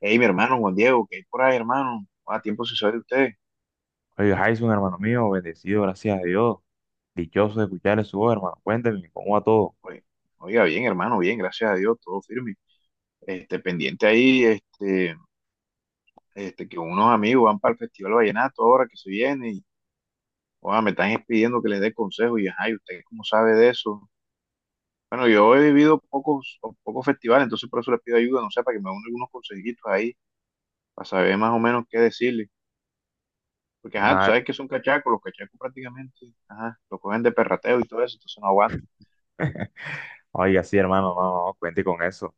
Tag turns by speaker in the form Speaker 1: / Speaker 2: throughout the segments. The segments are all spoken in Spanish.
Speaker 1: Hey, mi hermano Juan Diego, ¿qué hay por ahí, hermano? A tiempo se sabe de usted.
Speaker 2: Oye, Jason, hermano mío, bendecido, gracias a Dios. Dichoso de escuchar su voz, hermano. Cuénteme, ¿cómo va todo?
Speaker 1: Oye, Oiga, bien, hermano, bien, gracias a Dios, todo firme. Pendiente ahí, que unos amigos van para el Festival Vallenato ahora que se viene y, oiga, me están pidiendo que les dé consejos y, ajá, y ¿usted cómo sabe de eso? Bueno, yo he vivido pocos, pocos festivales, entonces por eso les pido ayuda, no sé, para que me den algunos consejitos ahí, para saber más o menos qué decirle. Porque, ajá, tú
Speaker 2: Ay,
Speaker 1: sabes que son cachacos, los cachacos prácticamente, ajá, lo cogen de perrateo y todo eso, entonces no aguantan.
Speaker 2: oiga, sí, hermano, no, no, no, cuente con eso.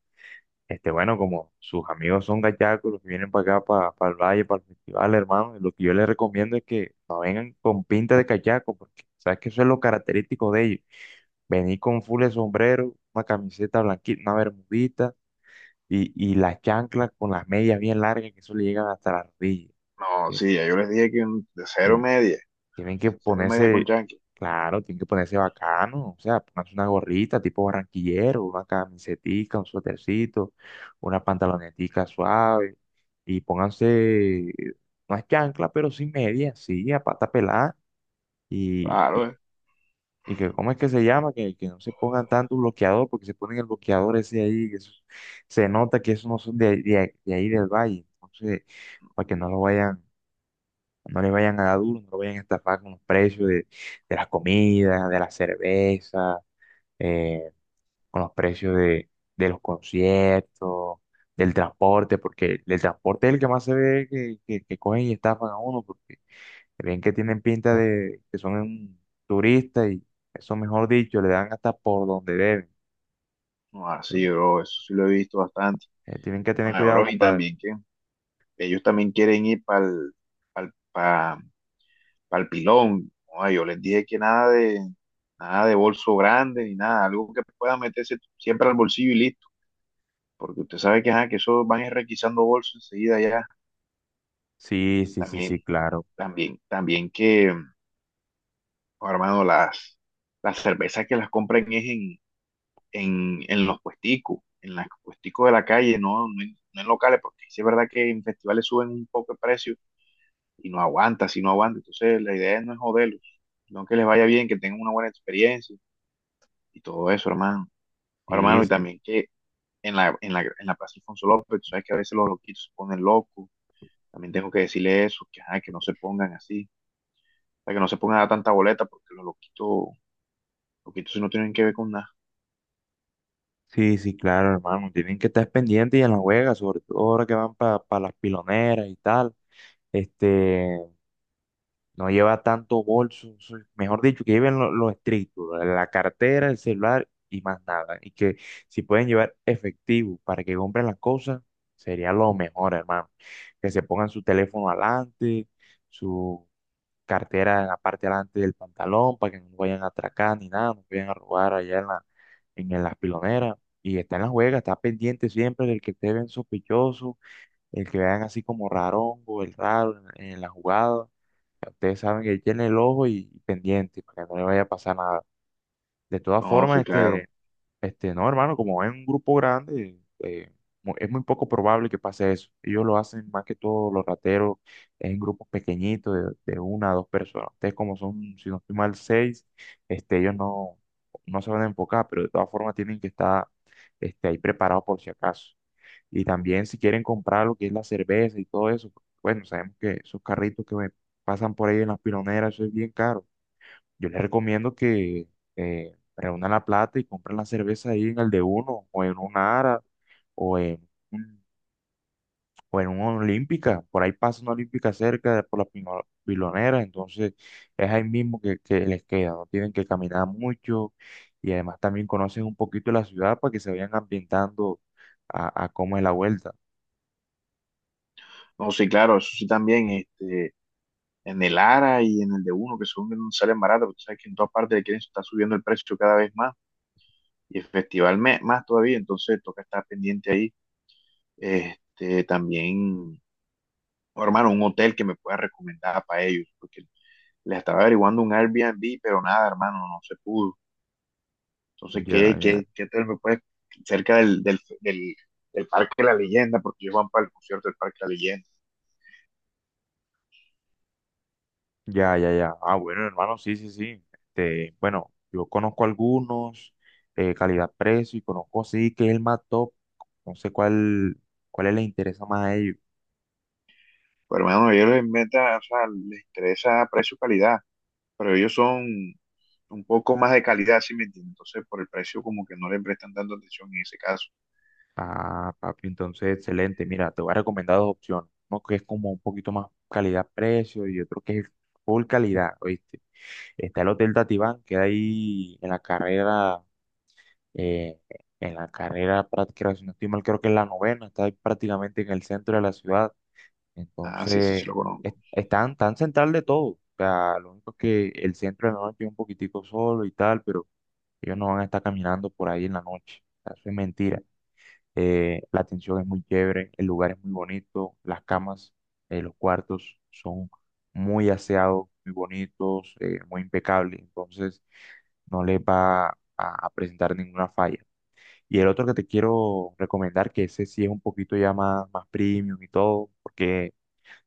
Speaker 2: Bueno, como sus amigos son gachacos, los que vienen para acá, para el valle, para el festival, hermano, lo que yo les recomiendo es que no vengan con pinta de cachaco, porque sabes que eso es lo característico de ellos. Venir con full de sombrero, una camiseta blanquita, una bermudita y las chanclas con las medias bien largas, que eso le llegan hasta las rodillas.
Speaker 1: No,
Speaker 2: que
Speaker 1: sí, ya yo les dije que de
Speaker 2: tienen- Tienen que
Speaker 1: cero media
Speaker 2: ponerse,
Speaker 1: con Yankee.
Speaker 2: claro, tienen que ponerse bacano, o sea, pónganse una gorrita tipo barranquillero, una camisetica, un suétercito, una pantalonetica suave y pónganse unas chanclas, pero sin medias, sí, a pata pelada y,
Speaker 1: Claro,
Speaker 2: y que, ¿cómo es que se llama? Que no se pongan tanto bloqueador, porque se ponen el bloqueador ese ahí, se nota que esos no son de, de ahí del valle, entonces, para que no lo vayan no le vayan a dar duro, no lo vayan a estafar con los precios de las comidas, de la cerveza, eh, con los precios de los conciertos, del transporte, porque el transporte es el que más se ve que, que cogen y estafan a uno, porque creen que tienen pinta de que son un turista y eso, mejor dicho, le dan hasta por donde deben.
Speaker 1: No, así,
Speaker 2: Entonces,
Speaker 1: bro, eso sí lo he visto bastante.
Speaker 2: tienen que tener
Speaker 1: Bueno,
Speaker 2: cuidado,
Speaker 1: bro, y
Speaker 2: compadre.
Speaker 1: también que ellos también quieren ir para el pilón. No, yo les dije que nada de bolso grande ni nada, algo que pueda meterse siempre al bolsillo y listo, porque usted sabe que, ajá, que eso van a ir requisando bolsos enseguida ya.
Speaker 2: Sí, sí, sí,
Speaker 1: También,
Speaker 2: sí, claro.
Speaker 1: también que, oh, hermano, las cervezas que las compren es en los puesticos de la calle, no en locales, porque sí es verdad que en festivales suben un poco el precio y no aguanta, si no aguanta. Entonces la idea no es joderlos, sino que les vaya bien, que tengan una buena experiencia y todo eso, hermano.
Speaker 2: Sí,
Speaker 1: Hermano, y
Speaker 2: sí.
Speaker 1: también que en la Plaza Alfonso López, tú sabes que a veces los loquitos se ponen locos. También tengo que decirle eso, que, ajá, que no se pongan así, o sea, que no se pongan a dar tanta boleta, porque loquitos sí no tienen que ver con nada.
Speaker 2: Sí, sí, claro, hermano. Tienen que estar pendientes y en la juega, sobre todo ahora que van para las piloneras y tal. Este, no lleva tanto bolso, mejor dicho, que lleven lo estricto, la cartera, el celular y más nada. Y que si pueden llevar efectivo para que compren las cosas, sería lo mejor, hermano. Que se pongan su teléfono adelante, cartera en la parte delante del pantalón para que no vayan a atracar ni nada, no vayan a robar allá en la, las piloneras. Y está en la juega, está pendiente siempre del que te ven sospechoso, el que vean así como rarongo, el raro en la jugada. Ya ustedes saben que él tiene el ojo y pendiente para que no le vaya a pasar nada. De todas
Speaker 1: No,
Speaker 2: formas.
Speaker 1: sí, claro.
Speaker 2: No, hermano, como es un grupo grande, es muy poco probable que pase eso. Ellos lo hacen más que todo los rateros en grupos pequeñitos de una a dos personas. Ustedes como son, si no estoy mal, seis, ellos no, no se van a enfocar, pero de todas formas tienen que estar ahí preparados por si acaso. Y también si quieren comprar lo que es la cerveza y todo eso, bueno, sabemos que esos carritos pasan por ahí en las piloneras, eso es bien caro. Yo les recomiendo que reúnan la plata y compren la cerveza ahí en el de uno, o en una Ara, o en, un- o en una Olímpica. Por ahí pasa una Olímpica por las piloneras, entonces es ahí mismo que, les queda. No tienen que caminar mucho y además también conocen un poquito la ciudad para que se vayan ambientando a cómo es la vuelta.
Speaker 1: No, sí, claro, eso sí también, en el ARA y en el de uno, que son que no salen baratas, porque tú sabes que en todas partes le quieren estar subiendo el precio cada vez más y el festival más todavía, entonces toca estar pendiente ahí. Este, también, oh, hermano, un hotel que me pueda recomendar para ellos, porque les estaba averiguando un Airbnb, pero nada, hermano, no se pudo. Entonces,
Speaker 2: Ya, ya.
Speaker 1: ¿qué hotel me puede cerca del Parque de la Leyenda? Porque ellos van para el concierto del Parque de la Leyenda.
Speaker 2: Ya, ya, ya. Ah, bueno, hermano, sí, sí, sí. Bueno, yo conozco algunos, calidad-precio, y conozco así que es el más top. No sé cuál, cuál les interesa más a ellos.
Speaker 1: Pero, hermano, a ellos les meta, o sea, les interesa precio-calidad. Pero ellos son un poco más de calidad, ¿sí me entiendes? Entonces, por el precio, como que no le prestan tanto atención en ese caso.
Speaker 2: Ah, papi, entonces, excelente. Mira, te voy a recomendar dos opciones. Uno que es como un poquito más calidad-precio y otro que es full calidad, ¿oíste? Está el Hotel Tatibán, que ahí eh, en la carrera, si no estoy mal, creo que es la novena, está ahí prácticamente en el centro de la ciudad.
Speaker 1: Ah, sí, ese sí
Speaker 2: Entonces,
Speaker 1: lo conozco.
Speaker 2: están tan central de todo. O sea, lo único es que el centro de la noche es un poquitico solo y tal, pero ellos no van a estar caminando por ahí en la noche. O sea, eso es mentira. La atención es muy chévere, el lugar es muy bonito, las camas, los cuartos son muy aseados, muy bonitos, muy impecables. Entonces, no les va a presentar ninguna falla. Y el otro que te quiero recomendar, que ese sí es un poquito ya más, más premium y todo, porque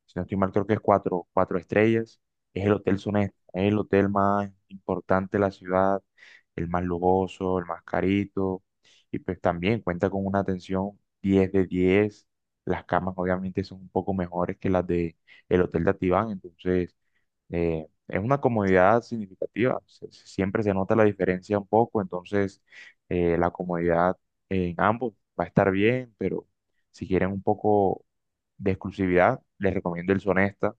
Speaker 2: si no estoy mal, creo que es cuatro, cuatro estrellas. Es el Hotel Sonesta, es el hotel más importante de la ciudad, el más lujoso, el más carito. Y pues también cuenta con una atención 10 de 10. Las camas obviamente son un poco mejores que las de el Hotel de Atibán, entonces es una comodidad significativa. Siempre se nota la diferencia un poco, entonces la comodidad en ambos va a estar bien, pero si quieren un poco de exclusividad, les recomiendo el Sonesta.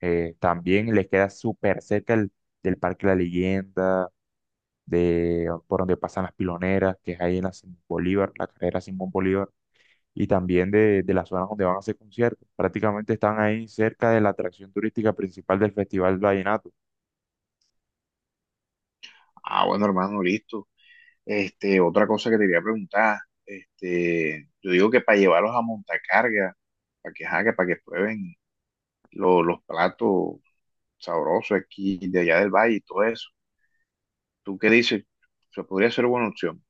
Speaker 2: También les queda súper cerca el, del Parque La Leyenda, de, por donde pasan las piloneras, que es ahí en la Simón Bolívar, la carrera Simón Bolívar, y también de las zonas donde van a hacer conciertos. Prácticamente están ahí cerca de la atracción turística principal del Festival Vallenato.
Speaker 1: Ah, bueno, hermano, listo. Otra cosa que te quería preguntar, yo digo que para llevarlos a montacarga, para que, ajá, que para que prueben los platos sabrosos aquí de allá del valle y todo eso. ¿Tú qué dices? Se podría ser buena opción.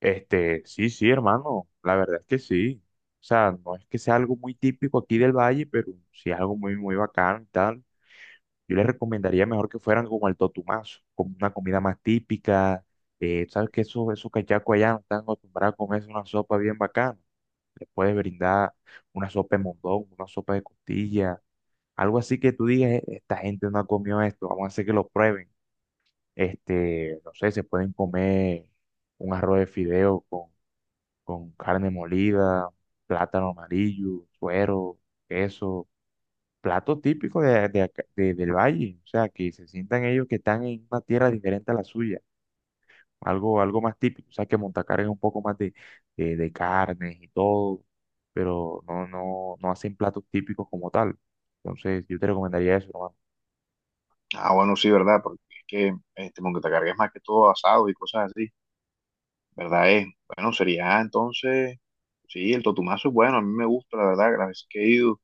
Speaker 2: Sí, sí, hermano, la verdad es que sí. O sea, no es que sea algo muy típico aquí del valle, pero sí es algo muy, muy bacán y tal. Yo les recomendaría mejor que fueran como el Totumazo, como una comida más típica. Sabes que esos, esos cachacos allá no están acostumbrados a comerse una sopa bien bacana. Les puedes brindar una sopa de mondongo, una sopa de costilla, algo así que tú digas: Esta gente no ha comido esto, vamos a hacer que lo prueben". No sé, se pueden comer un arroz de fideo con carne molida, plátano amarillo, suero, queso, plato típico de, del valle, o sea, que se sientan ellos que están en una tierra diferente a la suya, algo, algo más típico, o sea, que Montacar es un poco más de, de carnes y todo, pero no, no, no hacen platos típicos como tal. Entonces, yo te recomendaría eso, hermano.
Speaker 1: Ah, bueno, sí, verdad, porque es que montacarga es más que todo asado y cosas así. ¿Verdad es? Bueno, sería entonces, sí, el totumazo es bueno, a mí me gusta, la verdad, las veces que he ido,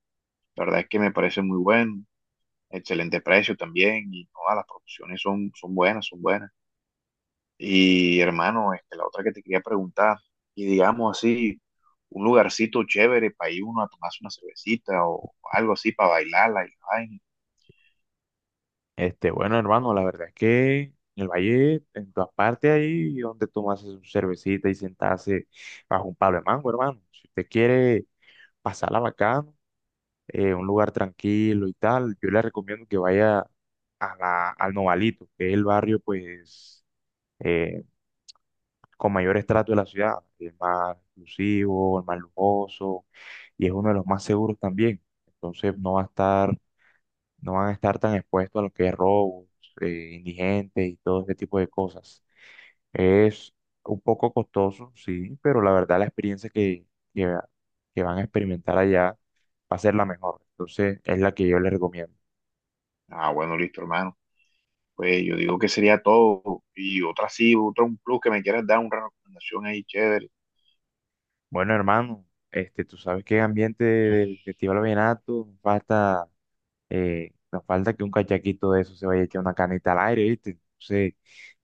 Speaker 1: la verdad es que me parece muy bueno, excelente precio también, y todas las proporciones son, son buenas, son buenas. Y hermano, la otra que te quería preguntar, y digamos así, un lugarcito chévere para ir uno a tomarse una cervecita o algo así para bailarla y la vaina.
Speaker 2: Bueno, hermano, la verdad es que en el valle, en todas partes ahí donde tomarse su cervecita y sentarse bajo un palo de mango, hermano. Si usted quiere pasarla bacán, un lugar tranquilo y tal, yo le recomiendo que vaya a la, al Novalito, que es el barrio pues eh, con mayor estrato de la ciudad, el más exclusivo, el más lujoso y es uno de los más seguros también. Entonces no va a estar, no van a estar tan expuestos a lo que es robos, indigentes y todo ese tipo de cosas. Es un poco costoso, sí, pero la verdad la experiencia que, que, que van a experimentar allá va a ser la mejor. Entonces es la que yo les recomiendo.
Speaker 1: Ah, bueno, listo, hermano. Pues yo digo que sería todo, y otra sí, otro un plus que me quieras dar, una recomendación ahí chévere.
Speaker 2: Bueno, hermano, tú sabes que en ambiente del Festival Vallenato nos falta, que un cachaquito de eso se vaya a echar una canita al aire, ¿viste? Entonces,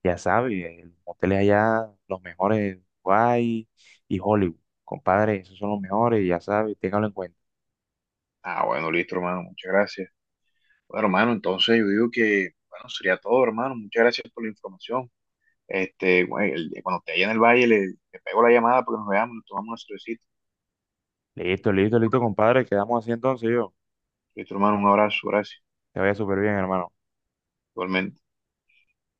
Speaker 2: ya sabes, los moteles allá, los mejores, Guay y Hollywood. Compadre, esos son los mejores, ya sabes, téngalo en cuenta.
Speaker 1: Ah, bueno, listo, hermano, muchas gracias. Bueno, hermano, entonces yo digo que, bueno, sería todo, hermano. Muchas gracias por la información. Este, güey, cuando te haya en el valle, le pego la llamada porque nos veamos, nos tomamos una cervecita.
Speaker 2: Listo, listo, listo, compadre, quedamos así entonces yo.
Speaker 1: Listo, hermano, un abrazo, gracias.
Speaker 2: Te vaya súper bien, hermano.
Speaker 1: Igualmente.